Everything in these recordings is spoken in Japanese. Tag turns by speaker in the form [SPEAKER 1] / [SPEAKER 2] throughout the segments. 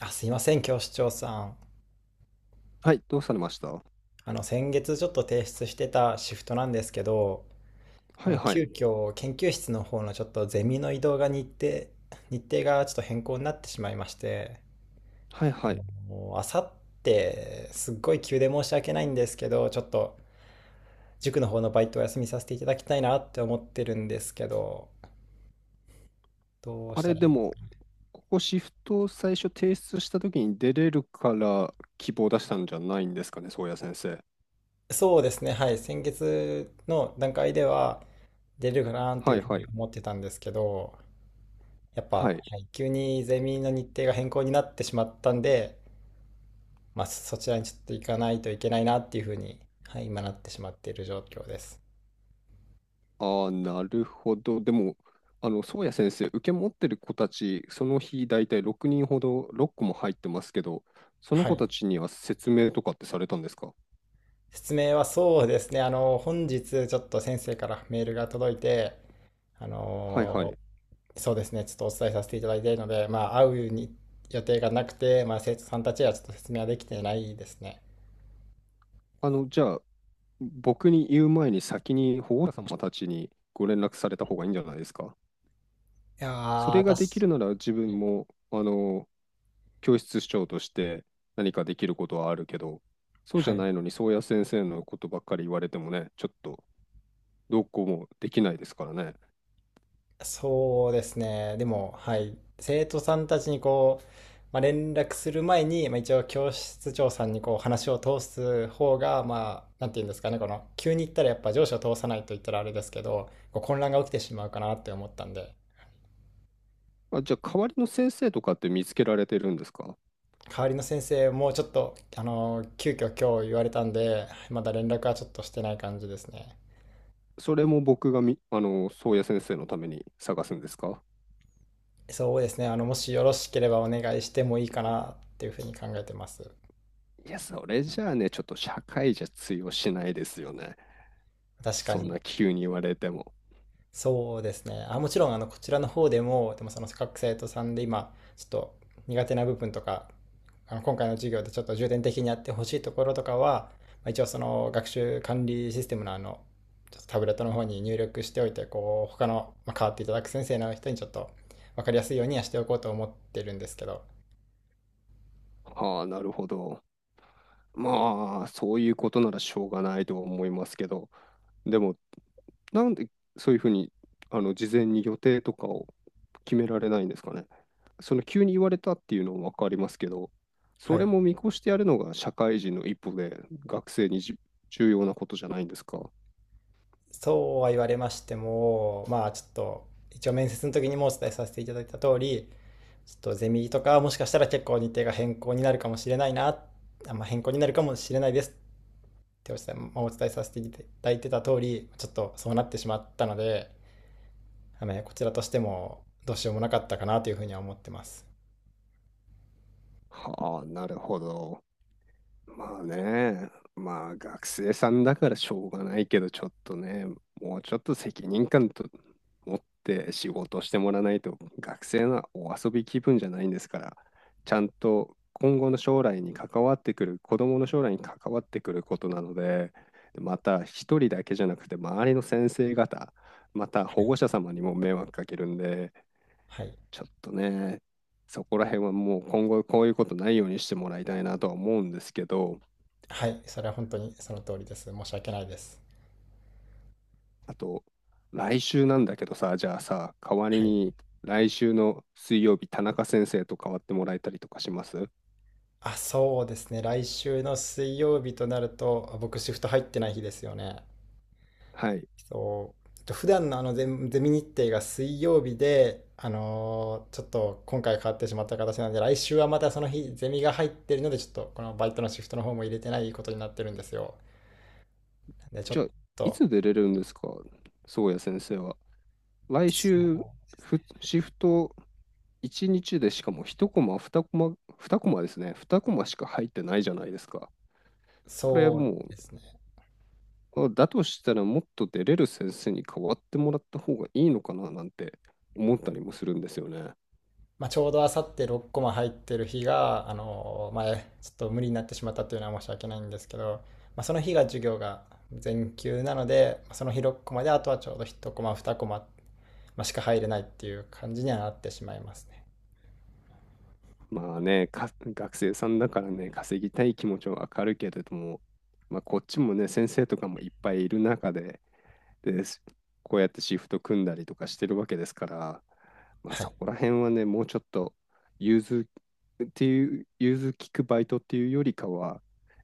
[SPEAKER 1] あ、すいません、教師長さん。
[SPEAKER 2] はい、どうされました。は
[SPEAKER 1] あの、先月ちょっと提出してたシフトなんですけど、あ
[SPEAKER 2] い
[SPEAKER 1] の
[SPEAKER 2] は
[SPEAKER 1] 急
[SPEAKER 2] い。
[SPEAKER 1] 遽研究室の方のちょっとゼミの移動が日程がちょっと変更になってしまいまして、
[SPEAKER 2] はいはい。
[SPEAKER 1] もうあさってすっごい急で申し訳ないんですけど、ちょっと塾の方のバイトを休みさせていただきたいなって思ってるんですけど、どう
[SPEAKER 2] あ
[SPEAKER 1] した
[SPEAKER 2] れ、
[SPEAKER 1] らい
[SPEAKER 2] で
[SPEAKER 1] い？
[SPEAKER 2] も、ここシフトを最初提出した時に出れるから希望出したんじゃないんですかね、宗谷先生。
[SPEAKER 1] そうですね、はい、先月の段階では出れるかなってい
[SPEAKER 2] は
[SPEAKER 1] うふ
[SPEAKER 2] い
[SPEAKER 1] う
[SPEAKER 2] は
[SPEAKER 1] に
[SPEAKER 2] い。
[SPEAKER 1] 思ってたんですけど、やっぱ、
[SPEAKER 2] は
[SPEAKER 1] は
[SPEAKER 2] い。
[SPEAKER 1] い、急にゼミの日程が変更になってしまったんで、まあ、そちらにちょっと行かないといけないなっていうふうに、はい、今なってしまっている状況です。
[SPEAKER 2] ああ、なるほど。でも、宗谷先生、受け持ってる子たち、その日大体6人ほど、6個も入ってますけど、その
[SPEAKER 1] は
[SPEAKER 2] 子
[SPEAKER 1] い。
[SPEAKER 2] たちには説明とかってされたんですか？
[SPEAKER 1] 説明はそうですね。あの、本日ちょっと先生からメールが届いて、あ
[SPEAKER 2] はいは
[SPEAKER 1] の
[SPEAKER 2] い。
[SPEAKER 1] そうですね、ちょっとお伝えさせていただいているので、まあ、会うに予定がなくて、まあ、生徒さんたちはちょっと説明はできてないですね。
[SPEAKER 2] じゃあ、僕に言う前に先に保護者様たちにご連絡された方がいいんじゃないですか？
[SPEAKER 1] いや
[SPEAKER 2] そ
[SPEAKER 1] ー、
[SPEAKER 2] れができ
[SPEAKER 1] 私、
[SPEAKER 2] るなら自分も、教室長として何かできることはあるけど、そうじ
[SPEAKER 1] は
[SPEAKER 2] ゃ
[SPEAKER 1] い。
[SPEAKER 2] ないのに、宗谷先生のことばっかり言われてもね、ちょっとどうこうもできないですからね。
[SPEAKER 1] そうですね。でも、はい。生徒さんたちにこう、まあ、連絡する前に、まあ、一応教室長さんにこう話を通す方が、まあ、なんて言うんですかね、この、急に行ったらやっぱ上司を通さないと言ったらあれですけど、こう混乱が起きてしまうかなって思ったんで。
[SPEAKER 2] あ、じゃあ、代わりの先生とかって見つけられてるんですか？
[SPEAKER 1] 代わりの先生もちょっと、あの、急遽今日言われたんで、まだ連絡はちょっとしてない感じですね。
[SPEAKER 2] それも僕がみ、あの、宗谷先生のために探すんですか？
[SPEAKER 1] そうですね。あの、もしよろしければお願いしてもいいかなっていうふうに考えてます。
[SPEAKER 2] いや、それじゃあね、ちょっと社会じゃ通用しないですよね。
[SPEAKER 1] 確か
[SPEAKER 2] そん
[SPEAKER 1] に。
[SPEAKER 2] な急に言われても。
[SPEAKER 1] そうですね。あ、もちろん、あの、こちらの方でも、でもその各生徒さんで今、ちょっと苦手な部分とか、あの、今回の授業でちょっと重点的にやってほしいところとかは、まあ、一応その学習管理システムのあの、ちょっとタブレットの方に入力しておいて、こう、他の、まあ、変わっていただく先生の人にちょっと分かりやすいようにはしておこうと思ってるんですけど。
[SPEAKER 2] ああ、なるほど。まあ、そういうことならしょうがないとは思いますけど、でも、なんでそういうふうに、事前に予定とかを決められないんですかね。その急に言われたっていうのもわかりますけど、そ
[SPEAKER 1] は
[SPEAKER 2] れ
[SPEAKER 1] い。
[SPEAKER 2] も見越してやるのが社会人の一歩で、学生に重要なことじゃないんですか。
[SPEAKER 1] そうは言われましても、まあちょっと、一応面接の時にもお伝えさせていただいた通り、ちょっとゼミとかもしかしたら結構日程が変更になるかもしれないですってお伝え,、まあ、お伝えさせていただいてた通り、ちょっとそうなってしまったので、あのねこちらとしてもどうしようもなかったかなというふうには思ってます。
[SPEAKER 2] はあ、なるほど。まあね、まあ学生さんだからしょうがないけど、ちょっとね、もうちょっと責任感と持って仕事してもらわないと、学生のお遊び気分じゃないんですから、ちゃんと今後の将来に関わってくる、子供の将来に関わってくることなので、また一人だけじゃなくて、周りの先生方、また保護者様にも迷惑かけるんで、
[SPEAKER 1] はい。
[SPEAKER 2] ちょっとね、そこら辺はもう今後こういうことないようにしてもらいたいなとは思うんですけど、
[SPEAKER 1] はい。それは本当にその通りです。申し訳ないです。
[SPEAKER 2] あと、来週なんだけどさ、じゃあさ、代わり
[SPEAKER 1] はい。
[SPEAKER 2] に来週の水曜日、田中先生と代わってもらえたりとかします？
[SPEAKER 1] あ、そうですね。来週の水曜日となると、僕シフト入ってない日ですよね。
[SPEAKER 2] はい。
[SPEAKER 1] そうと普段のあのゼミ日程が水曜日で、ちょっと今回変わってしまった形なので、来週はまたその日ゼミが入ってるので、ちょっとこのバイトのシフトの方も入れてないことになってるんですよ。でちょ
[SPEAKER 2] じ
[SPEAKER 1] っ
[SPEAKER 2] ゃあ、い
[SPEAKER 1] と、
[SPEAKER 2] つ出れるんですか、宗谷先生は？来
[SPEAKER 1] そ
[SPEAKER 2] 週、
[SPEAKER 1] う
[SPEAKER 2] シフト1日でしかも1コマ、2コマ、2コマですね。2コマしか入ってないじゃないですか。これ
[SPEAKER 1] そう
[SPEAKER 2] も
[SPEAKER 1] ですね。
[SPEAKER 2] だとしたらもっと出れる先生に代わってもらった方がいいのかななんて思ったりもするんですよね。
[SPEAKER 1] まあ、ちょうどあさって6コマ入ってる日が、前、ちょっと無理になってしまったというのは申し訳ないんですけど、まあ、その日が授業が全休なので、その日6コマで、あとはちょうど1コマ、2コマ、まあ、しか入れないっていう感じにはなってしまいますね。
[SPEAKER 2] まあね、学生さんだからね、稼ぎたい気持ちはわかるけれども、まあ、こっちもね、先生とかもいっぱいいる中で、で、こうやってシフト組んだりとかしてるわけですから、まあ、
[SPEAKER 1] は
[SPEAKER 2] そ
[SPEAKER 1] い。
[SPEAKER 2] こら辺はね、もうちょっと融通融通聞くバイトっていうよりかは、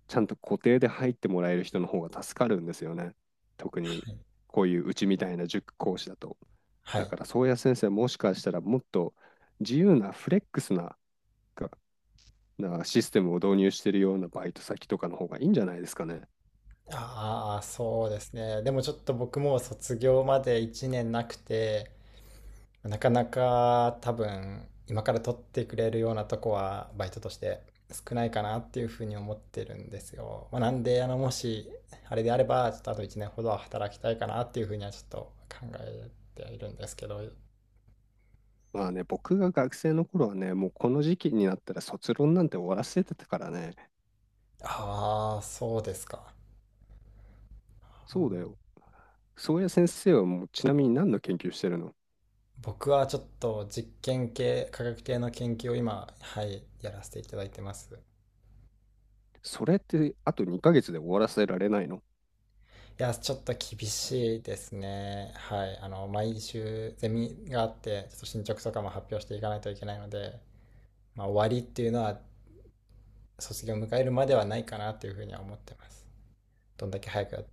[SPEAKER 2] ちゃんと固定で入ってもらえる人の方が助かるんですよね。特に
[SPEAKER 1] はい。
[SPEAKER 2] こういううちみたいな塾講師だと。
[SPEAKER 1] は
[SPEAKER 2] だ
[SPEAKER 1] い。
[SPEAKER 2] から、宗谷先生、もしかしたらもっと自由なフレックスなシステムを導入してるようなバイト先とかの方がいいんじゃないですかね。
[SPEAKER 1] ああ、そうですね。でもちょっと僕も卒業まで1年なくて、なかなか多分今から取ってくれるようなとこはバイトとして少ないかなっていうふうに思ってるんですよ。まあ、なんで、あの、もしあれであれば、ちょっとあと1年ほどは働きたいかなっていうふうにはちょっと考えているんですけど。
[SPEAKER 2] まあね、僕が学生の頃はね、もうこの時期になったら卒論なんて終わらせてたからね。
[SPEAKER 1] ああ、そうですか。
[SPEAKER 2] そうだよ。そうや先生はもうちなみに何の研究してるの？
[SPEAKER 1] 僕はちょっと実験系、科学系の研究を今、はい、やらせていただいてます。
[SPEAKER 2] それってあと2ヶ月で終わらせられないの？
[SPEAKER 1] いや、ちょっと厳しいですね。はい。あの、毎週ゼミがあって、ちょっと進捗とかも発表していかないといけないので、まあ、終わりっていうのは卒業を迎えるまではないかなというふうには思ってます。どんだけ早くやいっ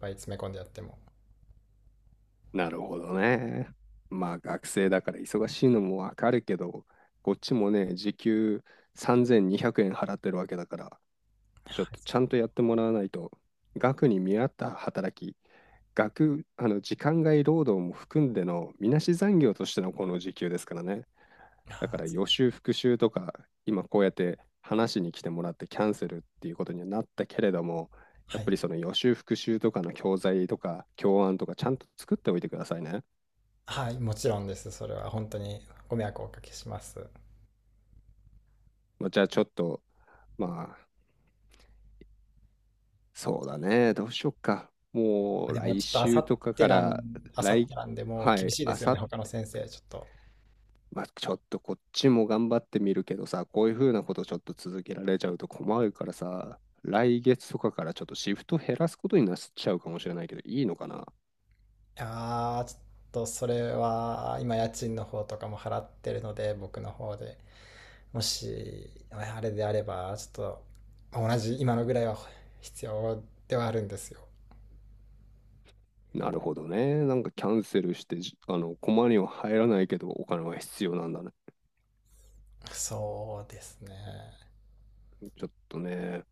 [SPEAKER 1] ぱい詰め込んでやっても。
[SPEAKER 2] なるほどね。まあ学生だから忙しいのもわかるけど、こっちもね、時給3200円払ってるわけだから、ちょっとちゃんとやってもらわないと、額に見合った働き、額、時間外労働も含んでのみなし残業としてのこの時給ですからね。
[SPEAKER 1] あ
[SPEAKER 2] だから予
[SPEAKER 1] ー、
[SPEAKER 2] 習復習とか、今こうやって話しに来てもらってキャンセルっていうことにはなったけれども、や
[SPEAKER 1] は
[SPEAKER 2] っ
[SPEAKER 1] い。
[SPEAKER 2] ぱりその予習復習とかの教材とか教案とかちゃんと作っておいてくださいね。
[SPEAKER 1] はい、もちろんです。それは本当にご迷惑をおかけします。
[SPEAKER 2] まあ、じゃあちょっと、まあ、そうだね、どうしよっか。もう
[SPEAKER 1] でも
[SPEAKER 2] 来
[SPEAKER 1] ちょっとあさ
[SPEAKER 2] 週
[SPEAKER 1] っ
[SPEAKER 2] とか
[SPEAKER 1] て
[SPEAKER 2] か
[SPEAKER 1] なん、
[SPEAKER 2] ら、
[SPEAKER 1] あさって
[SPEAKER 2] 来、
[SPEAKER 1] なんでもう
[SPEAKER 2] は
[SPEAKER 1] 厳
[SPEAKER 2] い、
[SPEAKER 1] しいで
[SPEAKER 2] あ
[SPEAKER 1] すよ
[SPEAKER 2] さ
[SPEAKER 1] ね、
[SPEAKER 2] っ
[SPEAKER 1] 他の先生、ちょっと。
[SPEAKER 2] まあ、ちょっとこっちも頑張ってみるけどさ、こういう風なことちょっと続けられちゃうと困るからさ、来月とかからちょっとシフト減らすことになっちゃうかもしれないけど、いいのかな？
[SPEAKER 1] いやー、ちょっとそれは今家賃の方とかも払ってるので、僕の方で。もし、あれであれば、ちょっとまあ同じ今のぐらいは必要ではあるんですよ。
[SPEAKER 2] なるほどね。なんかキャンセルして、じあの、駒には入らないけど、お金は必要なんだね。
[SPEAKER 1] そうですね。
[SPEAKER 2] ちょっとね、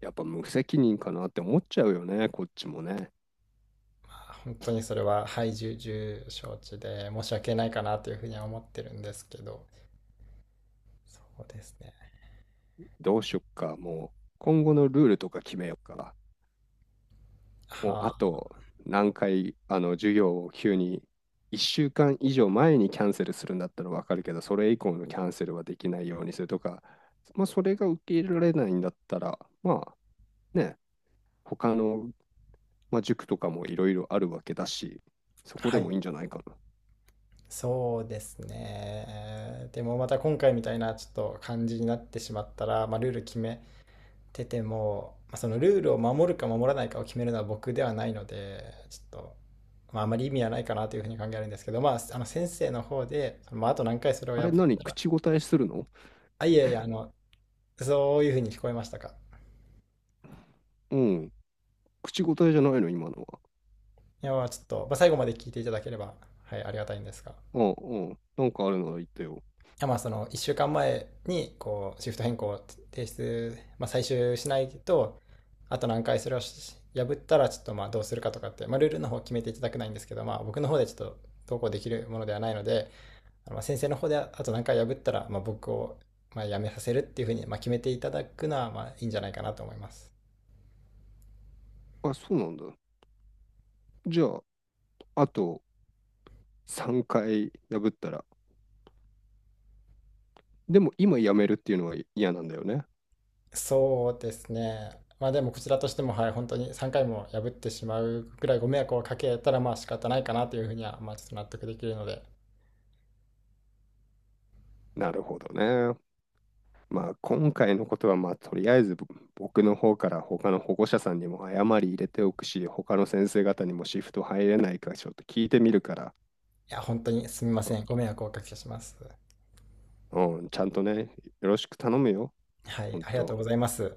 [SPEAKER 2] やっぱ無責任かなって思っちゃうよね、こっちもね。
[SPEAKER 1] 本当にそれは、はい、重々承知で申し訳ないかなというふうには思ってるんですけど、そうですね。
[SPEAKER 2] どうしよっか、もう。今後のルールとか決めよっか。もうあ
[SPEAKER 1] はあ、
[SPEAKER 2] と何回、授業を急に1週間以上前にキャンセルするんだったらわかるけど、それ以降のキャンセルはできないようにするとか、まあ、それが受け入れられないんだったら、まあね、他の、まあ、塾とかもいろいろあるわけだし、そこ
[SPEAKER 1] は
[SPEAKER 2] で
[SPEAKER 1] い。
[SPEAKER 2] もいいんじゃないかな。
[SPEAKER 1] そうですね。でもまた今回みたいなちょっと感じになってしまったら、まあ、ルール決めてても、まあ、そのルールを守るか守らないかを決めるのは僕ではないので、ちょっと、まあ、あまり意味はないかなというふうに考えるんですけど、まあ、あの先生の方で、まあ、あと何回それを
[SPEAKER 2] あ
[SPEAKER 1] 破
[SPEAKER 2] れ、
[SPEAKER 1] っ
[SPEAKER 2] 何、
[SPEAKER 1] たら。
[SPEAKER 2] 口答えするの？
[SPEAKER 1] あ、いやいや、あの、そういうふうに聞こえましたか？
[SPEAKER 2] うん、口答えじゃないの、今のは。
[SPEAKER 1] いや、まあちょっと、まあ、最後まで聞いていただければ、はい、ありがたいんですが。
[SPEAKER 2] うんうん、なんかあるなら言ってよ。
[SPEAKER 1] まあその1週間前にこうシフト変更を提出、まあ、最終しないとあと何回それを破ったらちょっとまあどうするかとかって、まあ、ルールの方決めていただくないんですけど、まあ、僕の方でちょっと投稿できるものではないので、まあ、先生の方であと何回破ったらまあ僕をまあ辞めさせるっていうふうにまあ決めていただくのはまあいいんじゃないかなと思います。
[SPEAKER 2] あ、そうなんだ。じゃあ、あと3回破ったら、でも今辞めるっていうのは嫌なんだよね。
[SPEAKER 1] そうですね。まあでもこちらとしてもはい本当に3回も破ってしまうくらいご迷惑をかけたらまあ仕方ないかなというふうにはまあちょっと納得できるので。
[SPEAKER 2] なるほどね。まあ今回のことはまあとりあえず僕の方から他の保護者さんにも謝り入れておくし、他の先生方にもシフト入れないかちょっと聞いてみるから、
[SPEAKER 1] いや、本当にすみません。ご迷惑をおかけします。
[SPEAKER 2] うん、うん、ちゃんとね、よろしく頼むよ。
[SPEAKER 1] はい、
[SPEAKER 2] 本
[SPEAKER 1] ありがとうご
[SPEAKER 2] 当。
[SPEAKER 1] ざいます。